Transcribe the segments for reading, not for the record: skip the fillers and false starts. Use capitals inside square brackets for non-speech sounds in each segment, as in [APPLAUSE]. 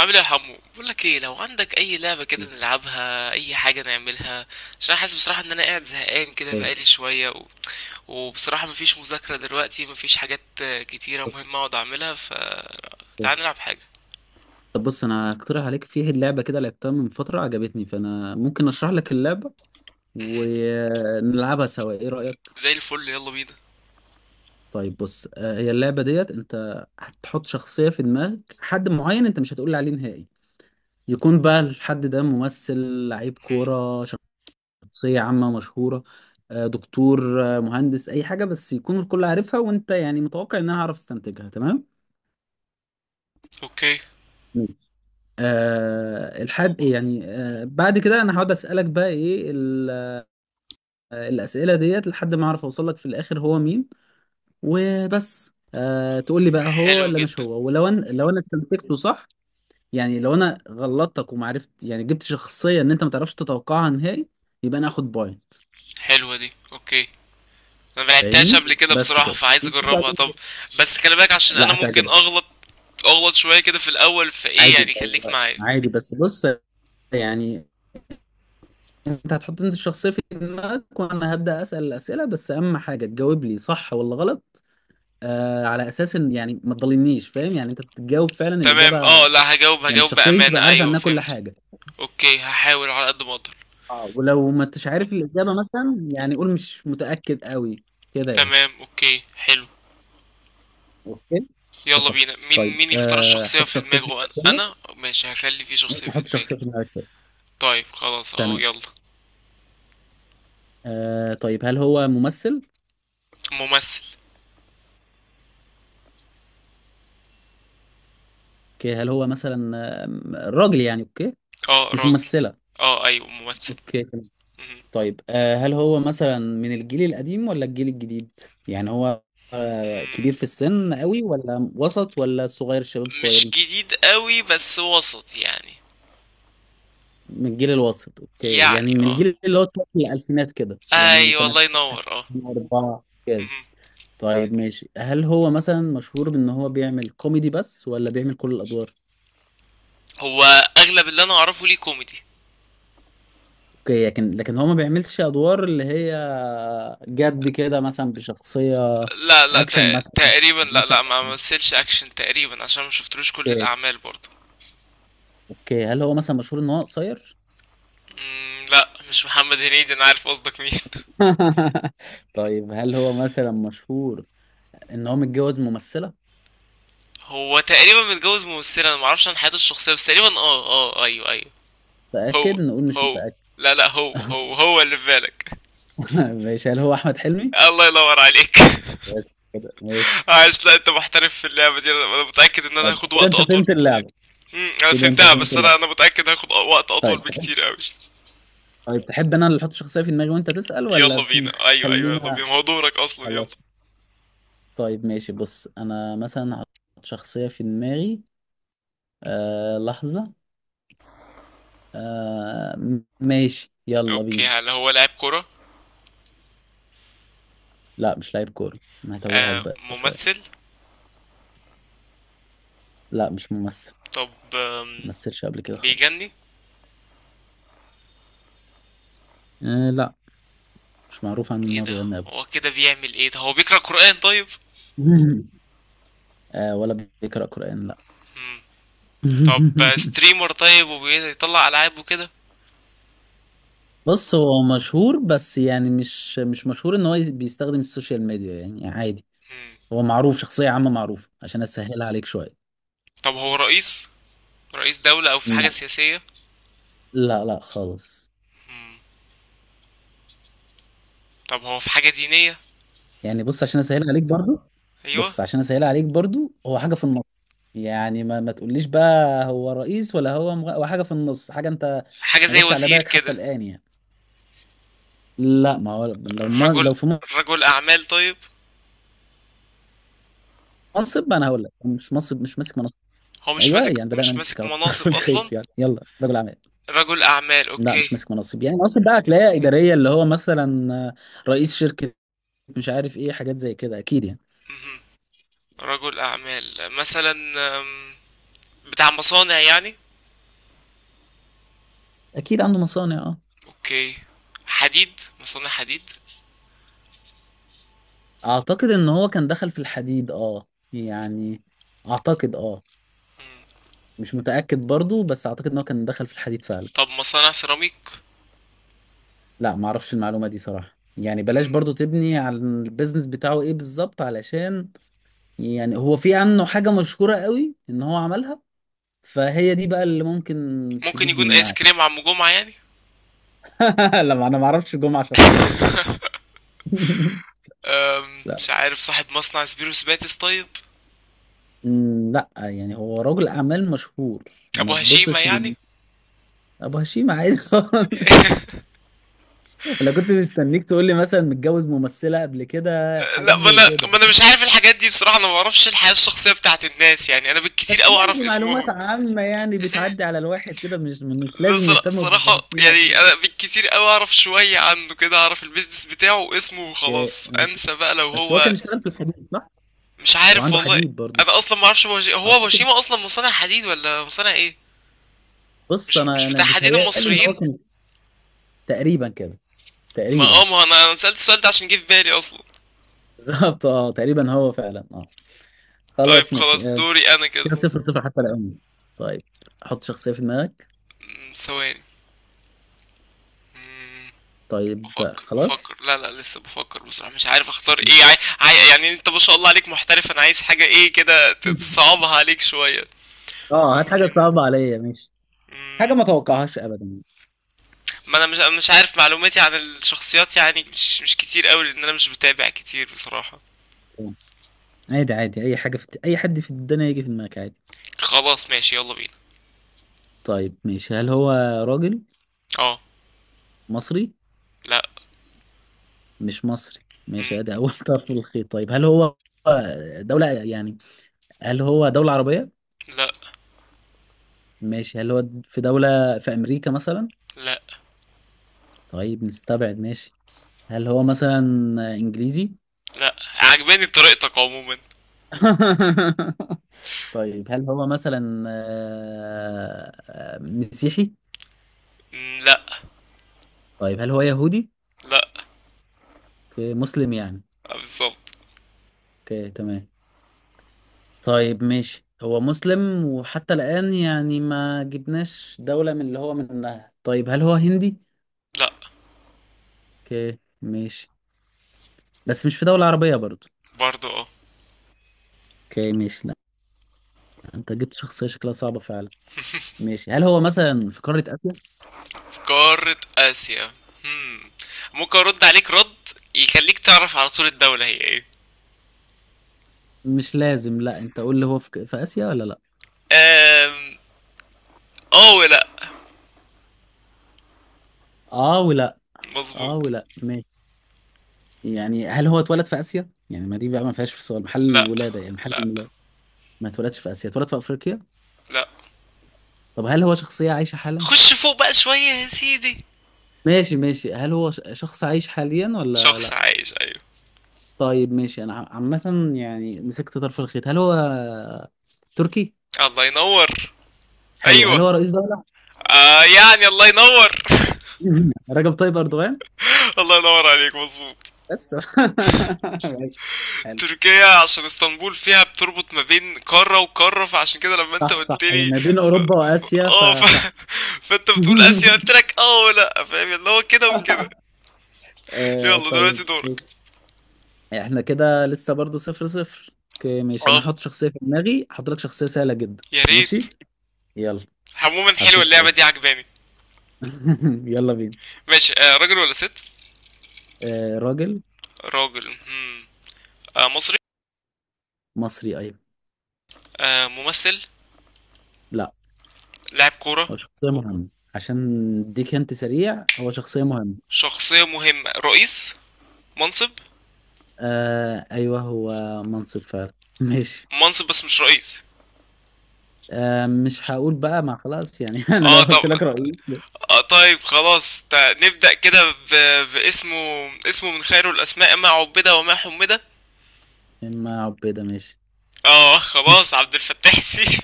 عامل ايه يا حمو؟ بقول لك ايه، لو عندك اي لعبه كده نلعبها، اي حاجه نعملها عشان انا حاسس بصراحه ان انا قاعد زهقان كده اوكي. بقالي شويه و... وبصراحه مفيش مذاكره دلوقتي، مفيش حاجات كتيره بص. مهمه اقعد اعملها، فتعال اوكي. نلعب حاجه. طب بص، انا هقترح عليك. فيه اللعبه كده لعبتها من فتره عجبتني، فانا ممكن اشرح لك اللعبه مهم. ونلعبها سوا. ايه رايك؟ زي الفل، يلا بينا. طيب بص، هي اللعبه ديت انت هتحط شخصيه في دماغك، حد معين انت مش هتقول لي عليه نهائي. يكون بقى الحد ده ممثل، لعيب مهم. كوره، شخصيه عامه مشهوره، دكتور، مهندس، اي حاجه بس يكون الكل عارفها، وانت يعني متوقع ان انا هعرف استنتجها. تمام؟ اوكي. الحد أوبا. يعني بعد كده انا هقعد اسالك بقى ايه الاسئله ديت لحد ما اعرف اوصل لك في الاخر هو مين. وبس تقول لي بقى هو حلو ولا مش جدا. هو. ولو انا لو انا استنتجته صح. يعني لو انا غلطتك وما عرفت، يعني جبت شخصيه ان انت ما تعرفش تتوقعها نهائي، يبقى انا اخد بوينت. حلوه دي، اوكي. انا ملعبتهاش قبل فاهمني؟ كده بس بصراحه، كده فعايز اجربها، وبعدين. طب. بس خلي بالك عشان انا لا ممكن هتعجبك. اغلط شويه كده في الاول، فايه عادي يعني خليك لو- معايا. عادي بس بص. يعني انت هتحط انت الشخصية في دماغك وانا هبدأ اسأل الأسئلة، بس اهم حاجة تجاوب لي صح ولا غلط. على اساس ان يعني ما تضلنيش فاهم، يعني انت بتجاوب فعلا الإجابة. تمام. لأ، هاجاوب يعني هاجاوب الشخصية دي انت بأمانة. تبقى عارف أيوه، عنها كل فهمت. حاجة. أوكي، هاحاول على قد ما أقدر. اه. ولو ما انتش عارف الإجابة مثلا، يعني قول مش متأكد قوي كده يعني. تمام، أوكي، حلو. اوكي. يلا اتفقنا. بينا، مين طيب مين يختار الشخصية حط في شخصية في دماغه؟ أنا دماغك. أنا ماشي، هخلي في يلا. شخصية انت في حط شخصية دماغي. في دماغك تاني. طيب خلاص أهو، تمام. يلا. طيب هل هو ممثل؟ ممثل. اوكي، هل هو مثلا راجل يعني؟ اوكي، آه، مش راجل. ممثلة. آه، أيوه ممثل. اوكي. مهم. طيب هل هو مثلا من الجيل القديم ولا الجيل الجديد؟ يعني هو مم. كبير في السن قوي ولا وسط ولا صغير، الشباب مش الصغيرين؟ جديد قوي، بس وسط يعني. من الجيل الوسط. اوكي، يعني، يعني من الجيل اللي هو في الألفينات كده، يعني أيوه، سنة الله ينور. 2004 كده. مهم. طيب ماشي، هل هو مثلا مشهور بأن هو بيعمل كوميدي بس ولا بيعمل كل الأدوار؟ هو أغلب اللي أنا أعرفه ليه كوميدي. اوكي، لكن هو ما بيعملش أدوار اللي هي جد كده، مثلا بشخصية لا، لا، أكشن مثلا ما تقريبا. لا، لا، ما مثلش اكشن تقريبا عشان ما شفتلوش كل بيعملش. الاعمال برضه. اوكي. هل هو مثلا مشهور ان هو قصير؟ لا، مش محمد هنيدي، انا عارف قصدك مين. [LAUGHS] [LAUGHS] طيب هل هو مثلا مشهور ان هو متجوز ممثلة؟ هو تقريبا متجوز ممثله. انا ما اعرفش عن حياته الشخصيه، بس تقريبا، اه، اه، ايوه، ايوه. هو متأكد؟ نقول مش هو متأكد. لا، لا، هو اللي في بالك. [LAUGHS] ماشي، هل هو احمد حلمي؟ [LAUGHS] الله ينور عليك. بس كده، [LAUGHS] ماشي. عايش؟ لا، انت محترف في اللعبه دي. انا متاكد ان انا طيب هاخد كده وقت انت اطول فهمت بكتير. اللعبة؟ انا كده انت فهمتها، فهمت بس انا اللعبة. انا متاكد هاخد وقت اطول طيب تحب، بكتير قوي. طيب تحب انا اللي احط شخصية في دماغي وانت تسأل يلا ولا؟ بينا. ايوه، ايوه، يلا خلينا. بينا، ما هو دورك اصلا، يلا. خلاص. طيب ماشي، بص انا مثلا هحط شخصية في دماغي. لحظة. آه ماشي، يلا اوكي، بينا. هل هو لاعب كرة؟ لا مش لعيب كورة، انا هتوهك آه، بقى شوية. ممثل؟ لا مش ممثل، طب، ممثلش قبل كده خالص. بيغني؟ لا، مش معروف عنه ان ايه هو ده؟ بيغني قبل. هو كده بيعمل ايه ده؟ هو بيقرأ قرآن طيب؟ [LAUGHS] ولا بيقرأ قرآن، لا. مم. طب، [LAUGHS] ستريمر طيب وبيطلع ألعاب وكده؟ بص، هو مشهور بس يعني مش مشهور ان هو بيستخدم السوشيال ميديا، يعني عادي. مم. هو معروف شخصية عامة معروفة عشان اسهلها عليك شوية. طب، هو رئيس دولة او في حاجة لا. سياسية؟ لا لا خالص. مم. طب، هو في حاجة دينية؟ يعني بص عشان اسهلها عليك برضو، ايوه. بص عشان اسهلها عليك برضو هو حاجة في النص. يعني ما تقوليش بقى هو رئيس ولا هو هو حاجة في النص، حاجة انت حاجة ما زي جاتش على وزير بالك حتى كده؟ الآن يعني. لا، ما هو لو ما رجل لو في رجل أعمال طيب؟ منصب. ما انا هقول لك مش منصب، مش ماسك منصب. هو مش ايوه، ماسك يعني بدانا مش نمسك ماسك اهو مناصب طرف [LAUGHS] الخيط أصلا؟ يعني. يلا، رجل اعمال. رجل أعمال. لا مش أوكي. ماسك منصب، يعني منصب بقى هتلاقيها اداريه، اللي هو مثلا رئيس شركه، مش عارف ايه، حاجات زي كده اكيد يعني. مهم. رجل أعمال مثلا؟ أم، بتاع مصانع يعني؟ اكيد عنده مصانع، اه. اوكي. حديد، مصانع حديد؟ اعتقد ان هو كان دخل في الحديد، اه يعني. اعتقد، اه. مم. مش متاكد برضو، بس اعتقد ان هو كان دخل في الحديد فعلا. طب، مصانع سيراميك؟ لا، ما اعرفش المعلومه دي صراحه، يعني بلاش مم. برضو تبني على البيزنس بتاعه ايه بالظبط، علشان يعني هو في عنه حاجة مشهورة قوي ان هو عملها، فهي دي بقى اللي ممكن ممكن تجيب يكون ايس منها. كريم عم جمعة يعني؟ [LAUGHS] لما انا ما اعرفش جمعة شخصية. [LAUGHS] لا. مش عارف. صاحب مصنع سبيروس باتس طيب؟ لا يعني هو رجل اعمال مشهور، ابو ما هشيمة تبصش يعني؟ ابو هشيم عادي [LAUGHS] خالص. [LAUGHS] انا كنت مستنيك تقول لي مثلا متجوز ممثلة قبل كده، لا، حاجات ما زي انا كده. ما انا مش عارف الحاجات دي بصراحة. انا ما بعرفش الحياة الشخصية بتاعت الناس يعني، انا بالكتير بس قوي يعني اعرف دي معلومات اسمهم. عامة يعني مهم. بتعدي على الواحد كده، مش لا، لازم نهتم بأبو صراحة هشيم يعني، عشان. انا بالكتير قوي اعرف شوية عنه كده، اعرف البيزنس بتاعه واسمه أوكي، وخلاص، ماشي. انسى بقى لو بس هو كان هو. اشتغل في الحديد صح؟ مش هو عارف عنده والله. حديد برضه. انا اصلا ما اعرفش هو بوشيما اصلا مصنع حديد ولا مصنع ايه؟ بص، مش انا مش انا بتاع حديد بيتهيألي ان هو المصريين؟ كان تقريبا كده، ما اه تقريبا. ما [LAUGHS] انا أنا سألت السؤال ده عشان جه في بالي اصلا. بالظبط اه، تقريبا هو فعلا اه. طيب خلاص خلاص، ماشي، دوري انا كده. كده صفر صفر حتى الآن. طيب حط شخصية في دماغك. ثواني. أمم، طيب بفكر خلاص. بفكر لا، لا، لسه بفكر بصراحة. مش عارف اختار ايه. [LAUGHS] يعني انت ما شاء الله عليك محترف. انا عايز حاجة ايه كده تصعبها عليك شوية. اه هات حاجة ممكن. صعبة عليا ماشي. مم. حاجة ما توقعهاش ابدا. ما انا مش عارف معلوماتي عن الشخصيات يعني مش كتير قوي، لان انا مش بتابع كتير بصراحة. آه، عادي عادي، اي حاجة في اي حد في الدنيا يجي في دماغك عادي. خلاص ماشي، يلا بينا. طيب ماشي، هل هو راجل اه. مصري؟ لا. مش مصري مم. ماشي، ادي اول [LAUGHS] طرف من الخيط. طيب هل هو دولة يعني، هل هو دولة عربية؟ لا. ماشي، هل هو في دولة في أمريكا مثلا؟ لا، طيب نستبعد ماشي. هل هو مثلا إنجليزي؟ لا، عجباني طريقتك عموما. [LAUGHS] طيب هل هو مثلا مسيحي؟ مم. لا. طيب هل هو يهودي؟ لا. أوكي، مسلم يعني. آه، بالظبط. اوكي تمام. طيب ماشي، هو مسلم وحتى الآن يعني ما جبناش دولة من اللي هو منها. طيب هل هو هندي؟ لا. اوكي ماشي، بس مش في دولة عربية برضو. برضه، اه. اوكي ماشي. لا، انت جبت شخصية شكلها صعبة فعلا. ماشي، هل هو مثلا في قارة آسيا؟ في قارة آسيا. مم. ممكن ارد عليك رد يخليك تعرف على طول الدولة هي ايه. مش لازم، لا انت قول لي هو في, في آسيا ولا لا. آم، اه، ولا. اه ولا، اه مظبوط. ولا ماشي. يعني هل هو اتولد في آسيا؟ يعني ما دي بقى ما فيهاش في سؤال محل لا. الولادة، يعني محل لا. الميلاد. ما اتولدش في آسيا، اتولد في أفريقيا. لا، طب هل هو شخصية عايشة حالا؟ خش فوق بقى شوية يا سيدي. ماشي ماشي، هل هو شخص عايش حاليا ولا شخص لا؟ عايش، ايوه. طيب ماشي، انا عامة يعني مسكت طرف الخيط، هل هو تركي؟ الله ينور. حلو، هل ايوه. هو رئيس دولة؟ آه، يعني الله ينور. [LAUGHS] رجب طيب أردوغان؟ [LAUGHS] الله ينور عليك. مظبوط. بس. [LAUGHS] ماشي. حلو. تركيا، عشان اسطنبول فيها بتربط ما بين قارة وقارة، فعشان كده لما انت صح صح، قلت هي لي ما بين ف... أوروبا ف... وآسيا اه ف... [LAUGHS] فصح. فانت بتقول [LAUGHS] اسيا، قلت لك اه، ولا فاهم اللي هو كده وكده. يلا طيب دلوقتي دورك. ماشي، احنا كده لسه برضو صفر صفر. اوكي ماشي، انا اه. هحط شخصية في دماغي، هحط لك شخصية سهلة جدا يا ماشي. ريت. يلا. عموما حلوة حطيت اللعبة خلاص. دي، عجباني. [LAUGHS] يلا بينا. ماشي. راجل ولا ست؟ راجل راجل. هم. آه، مصري؟ مصري ايوه. آه، ممثل؟ لا، لاعب كورة؟ هو شخصية مهمة، عشان اديك انت سريع، هو شخصية مهمة. شخصية مهمة، رئيس، منصب؟ ايوه هو منصب فعلا. [LAUGHS] ماشي. منصب بس مش رئيس؟ مش هقول بقى، ما خلاص يعني، [LAUGHS] انا لو اه، طب. قلت لك رئيس. طيب خلاص، نبدأ كده باسمه. اسمه من خير الأسماء ما عبد وما حمد. من ما عبيدة ماشي. اه خلاص، عبد الفتاح السيسي.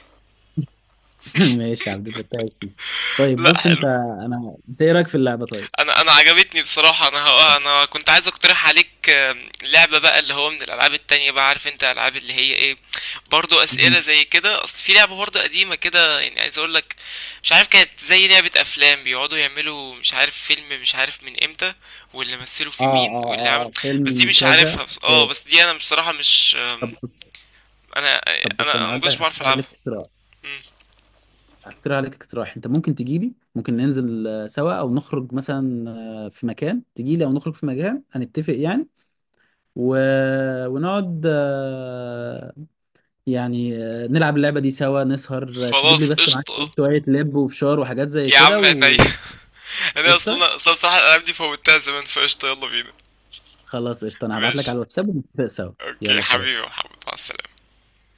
[LAUGHS] ماشي يا عبد الفتاح السيسي. [LAUGHS] طيب لا، بص انت، حلو. انا انت ايه رايك في اللعبه طيب؟ انا عجبتني بصراحه. انا كنت عايز اقترح عليك لعبه بقى، اللي هو من الالعاب التانية. بقى عارف انت العاب اللي هي ايه؟ برضو اسئله مهم. زي كده. اصل في لعبه برضو قديمه كده يعني، عايز اقول لك. مش عارف، كانت زي لعبه افلام بيقعدوا يعملوا مش عارف فيلم مش عارف من امتى، واللي مثلوا اه فيه اه مين واللي اه. عمل. فيلم بس دي من مش كذا، عارفها. بس اه اوكي. بس دي انا بصراحه مش طب بص انا طب انا بص انا انا ما هقول كنتش لك، بعرف العبها. مم، هقترح عليك اقتراح. انت ممكن تجي لي، ممكن ننزل سوا او نخرج مثلا، في مكان تجي لي او نخرج في مكان هنتفق يعني. و... ونقعد، يعني نلعب اللعبه دي سوا، نسهر، تجيب لي خلاص بس معاك قشطه. شويه لب وفشار وحاجات زي يا كده، عم احنا ايه؟ [LAUGHS] انا وقشطه. اصلا اصلا بصراحة الالعاب دي فوتها زمان، فقشطة، يلا بينا. خلاص قشطة، انا هبعت لك ماشي. على الواتساب ونتفق سوا. اوكي يلا سلام. حبيبي يا محمد، مع السلامة.